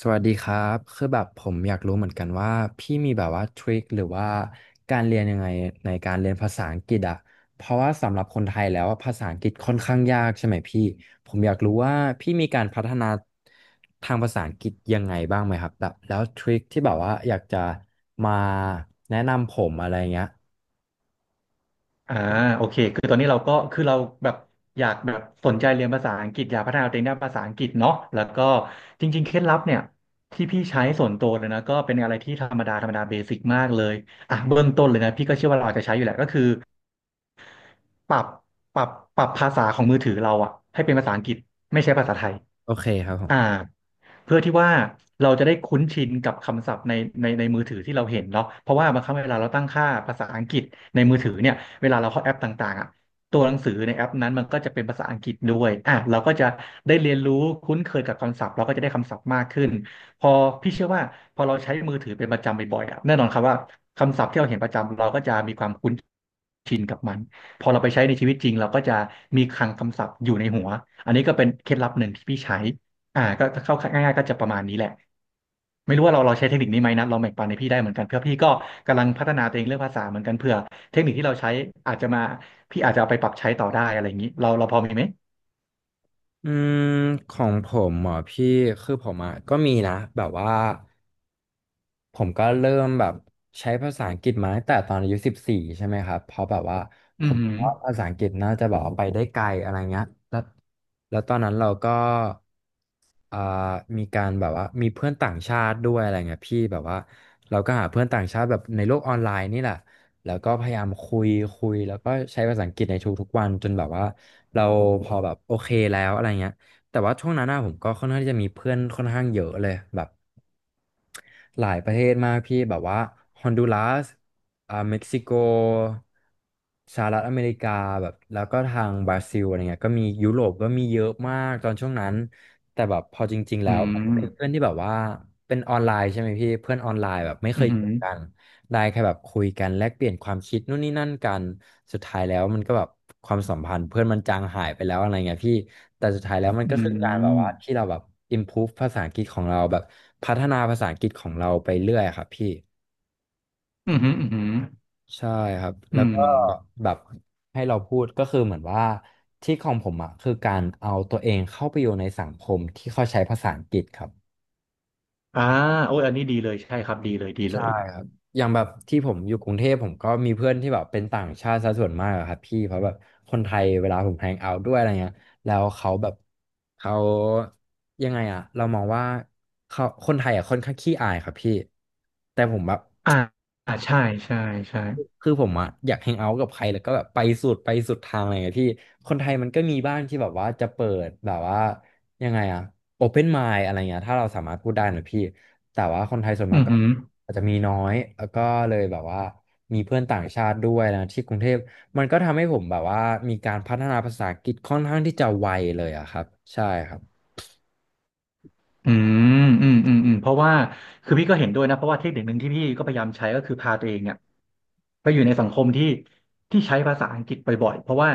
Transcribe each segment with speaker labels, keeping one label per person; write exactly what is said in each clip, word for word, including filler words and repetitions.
Speaker 1: สวัสดีครับคือแบบผมอยากรู้เหมือนกันว่าพี่มีแบบว่าทริคหรือว่าการเรียนยังไงในการเรียนภาษาอังกฤษอะเพราะว่าสำหรับคนไทยแล้วอะภาษาอังกฤษค่อนข้างยากใช่ไหมพี่ผมอยากรู้ว่าพี่มีการพัฒนาทางภาษาอังกฤษยังไงบ้างไหมครับแบบแล้วทริคที่แบบว่าอยากจะมาแนะนำผมอะไรเงี้ย
Speaker 2: อ่าโอเคคือตอนนี้เราก็คือเราแบบอยากแบบสนใจเรียนภาษาอังกฤษอยากพัฒนาตัวเองด้านภาษาอังกฤษเนาะแล้วก็จริงๆเคล็ดลับเนี่ยที่พี่ใช้ส่วนตัวเลยนะก็เป็นอะไรที่ธรรมดาธรรมดาเบสิกมากเลยอ่ะเบื้องต้นเลยนะพี่ก็เชื่อว่าเราอาจจะใช้อยู่แหละก็คือปรับปรับปรับภาษาของมือถือเราอะให้เป็นภาษาอังกฤษไม่ใช่ภาษาไทย
Speaker 1: โอเคครับผ
Speaker 2: อ่า
Speaker 1: ม
Speaker 2: เพื่อที่ว่าเราจะได้คุ้นชินกับคำศัพท์ในในในมือถือที่เราเห็นเนาะเพราะว่าบางครั้งเวลาเราตั้งค่าภาษาอังกฤษในมือถือเนี่ยเวลาเราเข้าแอปต่างๆอ่ะตัวหนังสือในแอปนั้นมันก็จะเป็นภาษาอังกฤษด้วยอ่ะเราก็จะได้เรียนรู้คุ้นเคยกับคำศัพท์เราก็จะได้คำศัพท์มากขึ้นพอพี่เชื่อว่าพอเราใช้มือถือเป็นประจำบ่อยๆอ่ะแน่นอนครับว่าคำศัพท์ที่เราเห็นประจำเราก็จะมีความคุ้นชินกับมันพอเราไปใช้ในชีวิตจริงเราก็จะมีคลังคำศัพท์อยู่ในหัวอันนี้ก็เป็นเคล็ดลับหนึ่งที่พี่ใช้ อ่าก็เข้าง่ายๆก็จะประมาณนี้แหละไม่รู้ว่าเราเราใช้เทคนิคนี้ไหมนะลองแบ่งปันให้พี่ได้เหมือนกันเพื่อพี่ก็กำลังพัฒนาตัวเองเรื่องภาษาเหมือนกันเผื่อเทคนิคที่เราใช้อาจจะมาพี่อาจจะเอาไปปรับใช้ต่อได้อะไรอย่างนี้เราเราพอมีไหม
Speaker 1: อืมของผมเหมอพี่คือผมอ่ะก็มีนะแบบว่า ผมก็เริ่มแบบใช้ภาษาอังกฤษมาตั้งแต่ตอนอายุสิบสี่ใช่ไหมครับเพราะแบบว่า
Speaker 2: อื
Speaker 1: ผ
Speaker 2: มอ
Speaker 1: ม
Speaker 2: หืม
Speaker 1: ว่าภาษาอังกฤษน่าจะแบบว่าไปได้ไกลอะไรเงี้ยแล้วแล้วตอนนั้นเราก็อ่ามีการแบบว่ามีเพื่อนต่างชาติด้วยอะไรเงี้ยพี่แบบว่าเราก็หาเพื่อนต่างชาติแบบในโลกออนไลน์นี่แหละแล้วก็พยายามคุยคุยแล้วก็ใช้ภาษาอังกฤษในทุกๆวันจนแบบว่าเราพอแบบโอเคแล้วอะไรเงี้ยแต่ว่าช่วงนั้นนะผมก็ค่อนข้างที่จะมีเพื่อนค่อนข้างเยอะเลยแบบ หลายประเทศมากพี่แบบว่าฮอนดูรัสอ่าเม็กซิโกสหรัฐอเมริกาแบบแล้วก็ทางบราซิลอะไรเงี้ยก็มียุโรปก็มีเยอะมากตอนช่วงนั้นแต่แบบพอจริงๆ
Speaker 2: ออื
Speaker 1: แล้วเป็
Speaker 2: ม
Speaker 1: นเพื่อนที่แบบว่าเป็นออนไลน์ใช่ไหมพี่เพื่อนออนไลน์แบบไม่
Speaker 2: อ
Speaker 1: เคย
Speaker 2: หื
Speaker 1: เจอ
Speaker 2: ม
Speaker 1: กัน ได้แค่แบบคุยกันแลกเปลี่ยนความคิดนู่นนี่นั่นกันสุดท้ายแล้วมันก็แบบความสัมพันธ์เพื่อนมันจางหายไปแล้วอะไรเงี้ยพี่แต่สุดท้ายแล้วมัน
Speaker 2: ออื
Speaker 1: ก็คือการแบบ
Speaker 2: ม
Speaker 1: ว่าที่เราแบบ improve ภาษาอังกฤษของเราแบบพัฒนาภาษาอังกฤษของเราไปเรื่อยครับพี่
Speaker 2: อหืมออืม
Speaker 1: ใช่ครับ
Speaker 2: อ
Speaker 1: แล้
Speaker 2: หื
Speaker 1: ว
Speaker 2: มอ
Speaker 1: ก็
Speaker 2: ืม
Speaker 1: แบบให้เราพูดก็คือเหมือนว่าที่ของผมอ่ะคือการเอาตัวเองเข้าไปอยู่ในสังคมที่เขาใช้ภาษาอังกฤษครับ
Speaker 2: อ่าโอ้ยอันนี้ดีเลยใช่ครับดีเลยดีเล
Speaker 1: ใช่
Speaker 2: ย
Speaker 1: ครับ อย่างแบบที่ผมอยู่กรุงเทพผมก็มีเพื่อนที่แบบเป็นต่างชาติซะส่วนมากอะครับพี่เพราะแบบคนไทยเวลาผมแฮงเอาท์ด้วยอะไรเงี้ยแล้วเขาแบบเขายังไงอะเรามองว่าเขาคนไทยอะค่อนข้างขี้อายครับพี่แต่ผมแบบ
Speaker 2: อ่าอ่าใช่ใช่ใช่
Speaker 1: คือผมอะอยากแฮงเอาท์กับใครแล้วก็แบบไปสุดไปสุดทางอะไรอย่างเงี้ยพี่คนไทยมันก็มีบ้างที่แบบว่าจะเปิดแบบว่ายังไงอะโอเพนไมล์อะไรเงี้ยถ้าเราสามารถพูดได้นะพี่แต่ว่าคนไทยส่วน
Speaker 2: อื
Speaker 1: มากก็
Speaker 2: ม
Speaker 1: อาจจะมีน้อยแล้วก็เลยแบบว่ามีเพื่อนต่างชาติด้วยนะที่กรุงเทพมันก็ทำให้ผมแบบว่ามีการพัฒนาภาษาอังกฤษค่อนข้างที่จะไวเลยอะครับใช่ครับ
Speaker 2: อืมอืมอืมอืมเพราะว่าคือพี่ก็เห็นด้วยนะเพราะว่าเทคนิคหนึ่งที่พี่ก็พยายามใช้ก็คือพาตัวเองเนี่ยไปอยู่ในสังคมที่ที่ใช้ภาษาอังกฤษบ่อยๆเพราะว่า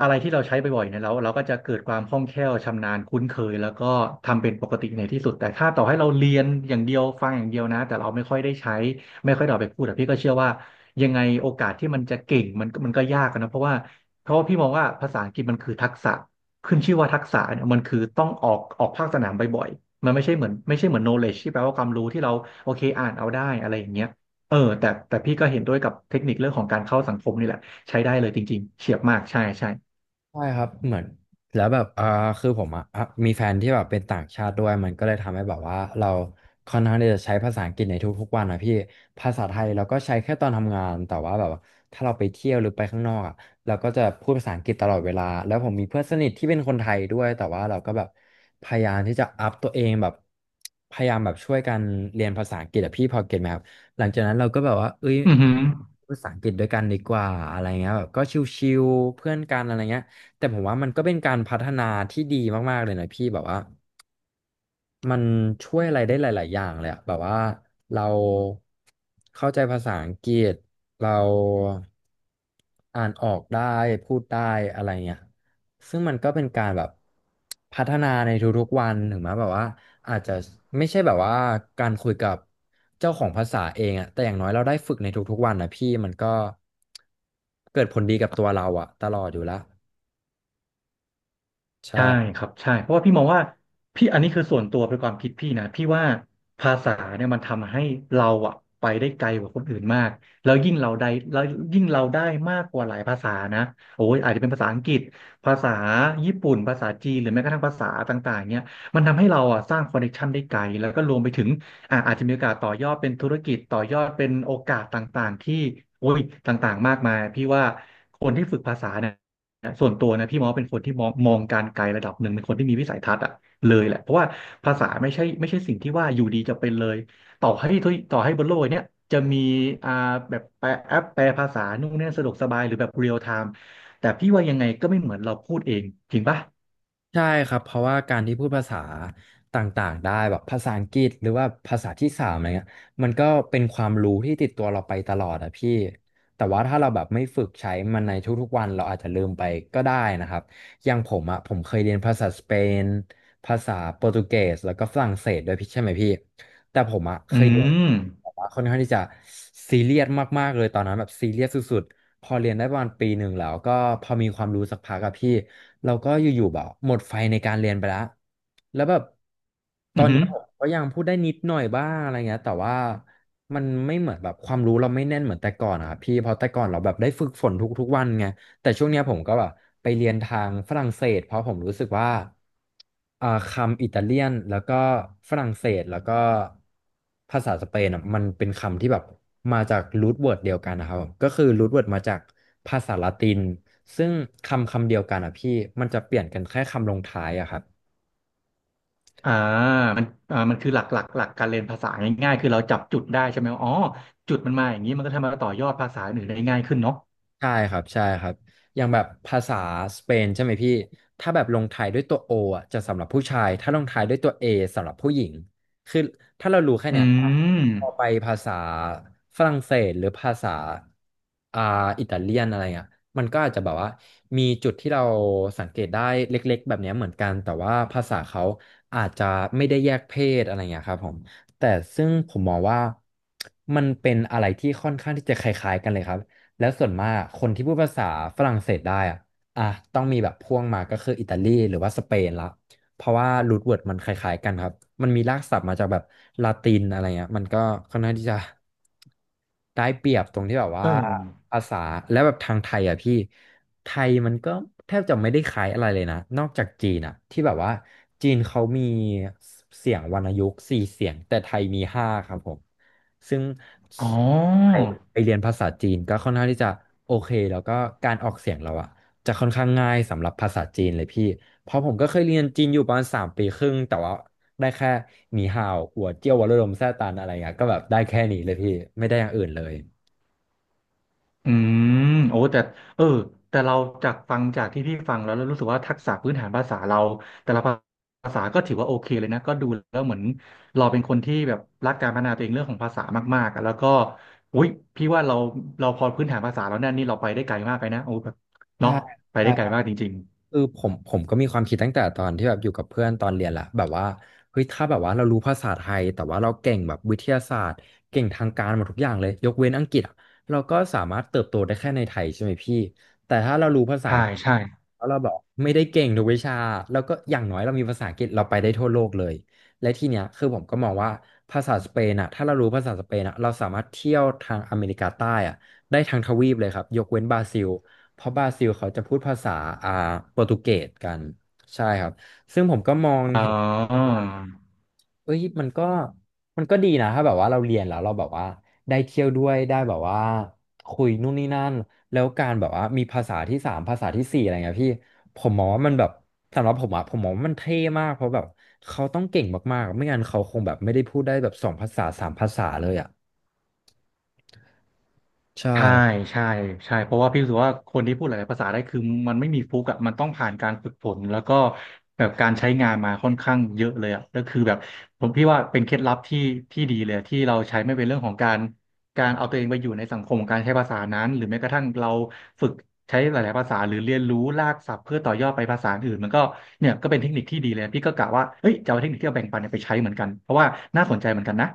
Speaker 2: อะไรที่เราใช้บ่อยๆเนี่ยเราเราก็จะเกิดความคล่องแคล่วชำนาญคุ้นเคยแล้วก็ทำเป็นปกติในที่สุดแต่ถ้าต่อให้เราเรียนอย่างเดียวฟังอย่างเดียวนะแต่เราไม่ค่อยได้ใช้ไม่ค่อยได้เอาไปพูดแต่พี่ก็เชื่อว่ายังไงโอกาสที่มันจะเก่งมันก็มันก็ยากอะนะเพราะว่าเพราะว่าพี่มองว่าภาษาอังกฤษมันคือทักษะ ขึ้นชื่อว่าทักษะเนี่ยมันคือต้องออกออกภาคสนามบ่อยๆ มันไม่ใช่เหมือนไม่ใช่เหมือน knowledge ที่แปลว่าความรู้ที่เราโอเคอ่านเอาได้อะไรอย่างเงี้ยเออแต่แต่พี่ก็เห็นด้วยกับเทคนิคเรื่องของการเข้าสังคมนี่แหละใช้ได้เลยจริงๆเฉียบมากใช่ใช่
Speaker 1: ใช่ครับเหมือนแล้วแบบอ่าคือผมอ่ะอ่ะมีแฟนที่แบบเป็นต่างชาติด้วยมันก็เลยทำให้แบบว่าเราค่อนข้างที่จะใช้ภาษาอังกฤษในทุกๆวันนะพี่ ภาษาไทยเราก็ใช้แค่ตอนทำงาน แต่ว่าแบบว่าถ้าเราไปเที่ยวหรือไปข้างนอกอ่ะเราก็จะพูดภาษาอังกฤษตลอดเวลาแล้วผมมีเพื่อนสนิทที่เป็นคนไทยด้วย แต่ว่าเราก็แบบพยายามที่จะอัพตัวเองแบบพยายามแบบช่วยกันเรียนภาษาอังกฤษอะพี่พอเก็ตไหมครับหลังจากนั้นเราก็แบบว่าเอ้ย
Speaker 2: อือหือ
Speaker 1: ภาษาอังกฤษด้วยกันดีกว่าอะไรเงี้ยแบบก็ชิวๆเพื่อนกันอะไรเงี้ย แต่ผมว่ามันก็เป็นการพัฒนาที่ดีมากๆเลยนะพี่แบบว่ามันช่วยอะไรได้หลายๆอย่างเลยอะแบบว่าเราเข้าใจภาษาอังกฤษเราอ่านออกได้พูดได้อะไรเงี้ยซึ่งมันก็เป็นการแบบพัฒนาในทุกๆวันถึงแม้แบบว่าอาจจะไม่ใช่แบบว่าการคุยกับเจ้าของภาษาเองอะแต่อย่างน้อยเราได้ฝึกในทุกๆวันนะพี่มันก็เกิดผลดีกับตัวเราอะตลอดอยู่แล้วใช่
Speaker 2: ใช่ครับใช่เพราะว่าพี่มองว่าพี่อันนี้คือส่วนตัวเป็นความคิดพี่นะพี่ว่าภาษาเนี่ยมันทำให้เราอะไปได้ไกลกว่าคนอื่นมากแล้วยิ่งเราได้แล้วยิ่งเราได้มากกว่าหลายภาษานะโอ้ยอาจจะเป็นภาษาอังกฤษภาษาญี่ปุ่นภาษาจีนหรือแม้กระทั่งภาษาต่างๆเนี่ยมันทำให้เราอะสร้างคอนเนคชันได้ไกลแล้วก็รวมไปถึงอ่ะอาจจะมีโอกาสต่อยอดเป็นธุรกิจต่อยอดเป็นโอกาสต่างๆที่โอ้ยต่างๆมากมายพี่ว่าคนที่ฝึกภาษาเนี่ย นะส่วนตัวนะพี่มองว่าเป็นคนที่มองมองการไกลระดับหนึ่งเป็นคนที่มีวิสัยทัศน์อะเลยแหละเพราะว่าภาษาไม่ใช่ไม่ใช่สิ่งที่ว่าอยู่ดีจะเป็นเลยต่อให้ทุกต่อให้บนโลกเนี้ยจะมีอ่าแบบแปลแอปแปลภาษานู่นนี่สะดวกสบายหรือแบบเรียลไทม์แต่พี่ว่ายังไงก็ไม่เหมือนเราพูดเองจริงปะ
Speaker 1: ใช่ครับเพราะว่าการที่พูดภาษาต่างๆได้แบบภาษาอังกฤษหรือว่าภาษาที่สามอะไรเงี้ยมันก็เป็นความรู้ที่ติดตัวเราไปตลอดอะพี่แต่ว่าถ้าเราแบบไม่ฝึกใช้มันในทุกๆวันเราอาจจะลืมไปก็ได้นะครับอย่างผมอะผมเคยเรียนภาษาสเปนภาษาโปรตุเกสแล้วก็ฝรั่งเศสด้วยพี่ใช่ไหมพี่ แต่ผมอะเค
Speaker 2: อื
Speaker 1: ยเรียน
Speaker 2: ม
Speaker 1: แบบว่าค่อนข้างที่จะซีเรียสมากๆเลยตอนนั้นแบบซีเรียสสุดๆพอเรียนได้ประมาณปีหนึ่งแล้วก็พอมีความรู้สักพักอะพี่เราก็อยู่ๆแบบหมดไฟในการเรียนไปแล้วแล้วแบบตอ
Speaker 2: อือ
Speaker 1: น
Speaker 2: หื
Speaker 1: เนี้ย
Speaker 2: อ
Speaker 1: ผมก็ยังพูดได้นิดหน่อยบ้างอะไรเงี้ยแต่ว่ามันไม่เหมือนแบบความรู้เราไม่แน่นเหมือนแต่ก่อนอะครับพี่เพราะแต่ก่อนเราแบบได้ฝึกฝนทุกๆวันไง แต่ช่วงเนี้ยผมก็แบบไปเรียนทางฝรั่งเศสเพราะผมรู้สึกว่าอ่าคำอิตาเลียนแล้วก็ฝรั่งเศสแล้วก็ภาษาสเปนอะมันเป็นคำที่แบบมาจากรูทเวิร์ดเดียวกันนะครับก็คือรูทเวิร์ดมาจากภาษาละตินซึ่งคำคำเดียวกันอ่ะพี่มันจะเปลี่ยนกันแค่คำลงท้ายอะครับ
Speaker 2: อ่ามันอ่ามันคือหลักหลักหลักการเรียนภาษาง่ายๆคือเราจับจุดได้ใช่ไหมว่าอ๋อจุดมันมาอย่างนี้มันก็ทำให้เราต่อยอดภาษาอื่นได้ง่ายขึ้นเนาะ
Speaker 1: ใช่ครับใช่ครับอย่างแบบภาษาสเปนใช่ไหมพี่ถ้าแบบลงท้ายด้วยตัวโออ่ะจะสำหรับผู้ชายถ้าลงท้ายด้วยตัวเอสำหรับผู้หญิงคือถ้าเรารู้แค่
Speaker 2: อื
Speaker 1: เนี้ย
Speaker 2: ม
Speaker 1: พอไปภาษาฝรั่งเศสหรือภาษาอ่าอิตาเลียนอะไรอ่ะมันก็อาจจะแบบว่ามีจุดที่เราสังเกตได้เล็กๆแบบเนี้ยเหมือนกันแต่ว่าภาษาเขาอาจจะไม่ได้แยกเพศอะไรเงี้ยครับผมแต่ซึ่งผมมองว่ามันเป็นอะไรที่ค่อนข้างที่จะคล้ายๆกันเลยครับ แล้วส่วนมากคนที่พูดภาษาฝรั่งเศสได้อ่ะอ่ะต้องมีแบบพ่วงมาก็คืออิตาลีหรือว่าสเปนละเพราะว่ารูทเวิร์ดมันคล้ายๆกันครับมันมีรากศัพท์มาจากแบบลาตินอะไรเงี้ยมันก็ค่อนข้างที่จะได้เปรียบตรงที่แบบ
Speaker 2: เอ
Speaker 1: ว่า
Speaker 2: อ
Speaker 1: ภาษาและแบบทางไทยอ่ะพี่ไทยมันก็แทบจะไม่ได้คล้ายอะไรเลยนะนอกจากจีนอ่ะที่แบบว่าจีนเขามีเสียงวรรณยุกต์สี่เสียงแต่ไทยมีห้าครับผมซึ่ง
Speaker 2: อ๋อ
Speaker 1: ไปไปเรียนภาษาจีนก็ค่อนข้างที่จะโอเคแล้วก็การออกเสียงเราอะจะค่อนข้างง่ายสำหรับภาษาจีนเลยพี่เพราะผมก็เคยเรียนจีนอยู่ประมาณสามปีครึ่งแต่ว่าได้แค่หนีห่าวหัวเจี้ยววัดระดมแซ่ตันอะไรเงี้ยก็แบบได้แค่นี้เลยพี่ไม่ได้อย่างอื่นเลย
Speaker 2: อืมโอ้แต่เออแต่เราจากฟังจากที่พี่ฟังแล้วแล้วรู้สึกว่าทักษะพื้นฐานภาษาเราแต่ละภาษาก็ถือว่าโอเคเลยนะก็ดูแล้วเหมือนเราเป็นคนที่แบบรักการพัฒนาตัวเองเรื่องของภาษามากๆอะแล้วก็อุ้ยพี่ว่าเราเราพอพื้นฐานภาษาแล้วเนี่ยนี่เราไปได้ไกลมากไปนะโอ้แบบ
Speaker 1: ใช่
Speaker 2: เนาะไป
Speaker 1: ใช่
Speaker 2: ได้ไกลมากจริง
Speaker 1: คือผมผมก็มีความคิดตั้งแต่ตอนที่แบบอยู่กับเพื่อนตอนเรียนแหละแบบว่าเฮ้ยถ้าแบบว่าเรารู้ภาษาไทยแต่ว่าเราเก่งแบบวิทยาศาสตร์เก่งทางการหมดทุกอย่างเลยยกเว้นอังกฤษอะเราก็สามารถเติบโตได้แค่ในไทยใช่ไหมพี่แต่ถ้าเรารู้ภา
Speaker 2: ๆ
Speaker 1: ษาอั
Speaker 2: ใช่
Speaker 1: งกฤษ
Speaker 2: ใช่
Speaker 1: แล้วเราแบบไม่ได้เก่งทุกวิชาแล้วก็อย่างน้อยเรามีภาษาอังกฤษเราไปได้ทั่วโลกเลยและทีเนี้ยคือผมก็มองว่าภาษาสเปนอะถ้าเรารู้ภาษาสเปนอะเราสามารถเที่ยวทางอเมริกาใต้อะได้ทั้งทวีปเลยครับยกเว้นบราซิล เพราะบราซิลเขาจะพูดภาษาอ่าโปรตุเกสกันใช่ครับซึ่งผมก็มอง
Speaker 2: อ๋อ
Speaker 1: เห็นเอ้ยมันก็มันก็ดีนะถ้าแบบว่าเราเรียนแล้วเราแบบว่าได้เที่ยวด้วยได้แบบว่าคุยนู่นนี่นั่นแล้วการแบบว่ามีภาษาที่สามภาษาที่สี่อะไรเงี้ยพี่ผมมองว่ามันแบบสำหรับผมอะผมมองว่ามันเท่มากเพราะแบบเขาต้องเก่งมากๆไม่งั้นเขาคงแบบไม่ได้พูดได้แบบสองภาษาสามภาษาเลยอะใช่
Speaker 2: ใช่ใช่ใช่เพราะว่าพี่รู้สึกว่าคนที่พูดหลายๆภาษาได้คือมันไม่มีฟลุกอ่ะมันต้องผ่านการฝึกฝนแล้วก็แบบการใช้งานมาค่อนข้างเยอะเลยอ่ะก็คือแบบผมพี่ว่าเป็นเคล็ดลับที่ที่ดีเลยอะที่เราใช้ไม่เป็นเรื่องของการการเอาตัวเองไปอยู่ในสังคมของการใช้ภาษานั้นหรือแม้กระทั่งเราฝึกใช้หลายๆภาษาหรือเรียนรู้รากศัพท์เพื่อต่อยอดไปภาษาอื่นมันก็เนี่ยก็เป็นเทคนิคที่ดีเลยพี่ก็กะว่าเฮ้ยจะเอาเทคนิคที่เราแบ่งปันเนี่ยไปใช้เหมือนกันเพราะว่าน่าสนใจเหมือนกันนะ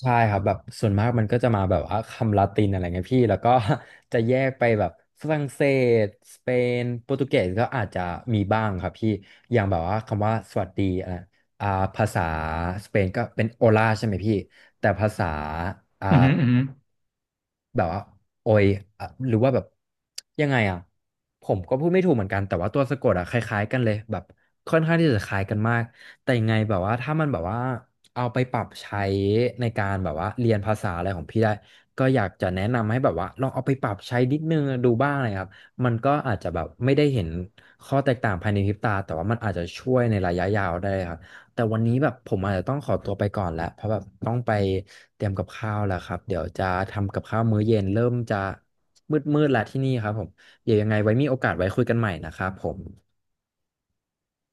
Speaker 1: ใช่ครับแบบส่วนมากมันก็จะมาแบบว่าคำลาตินอะไรเงี้ยพี่แล้วก็ จะแยกไปแบบฝรั่งเศสสเปนโปรตุเกสก็อาจจะมีบ้างครับพี่อย่างแบบว่าคำว่าสวัสดีอะไรอ่าภาษาสเปนก็เป็นโอลาใช่ไหมพี่แต่ภาษาอ่า
Speaker 2: อือหืออือหือ
Speaker 1: แบบว่าโอยอ่ะหรือว่าแบบยังไงอ่ะผมก็พูดไม่ถูกเหมือนกันแต่ว่าตัวสะกดอ่ะคล้ายๆกันเลยแบบค่อนข้างที่จะคล้ายกันมากแต่ยังไงแบบว่าถ้ามันแบบว่าเอาไปปรับใช้ในการแบบว่าเรียนภาษาอะไรของพี่ได้ก็อยากจะแนะนำให้แบบว่าลองเอาไปปรับใช้นิดนึงดูบ้างนะครับมันก็อาจจะแบบไม่ได้เห็นข้อแตกต่างภายในพริบตาแต่ว่ามันอาจจะช่วยในระยะยาวได้ครับ แต่วันนี้แบบผมอาจจะต้องขอตัวไปก่อนแล้วเพราะแบบต้องไปเตรียมกับข้าวแล้วครับเดี๋ยวจะทำกับข้าวมื้อเย็นเริ่มจะมืดๆแล้วที่นี่ครับผมเดี๋ยวยังไงไว้มีโอกาสไว้คุยกันใหม่นะครับผม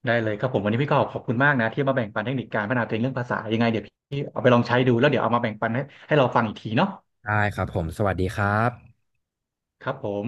Speaker 2: ได้เลยครับผมวันนี้พี่ก็ขอบคุณมากนะที่มาแบ่งปันเทคนิคการพัฒนาตัวเองเรื่องภาษายังไงเดี๋ยวพี่เอาไปลองใช้ดูแล้วเดี๋ยวเอามาแบ่งปันให้ให้เราฟังอีกทีเนาะ
Speaker 1: ได้ครับผมสวัสดีครับ
Speaker 2: ครับผม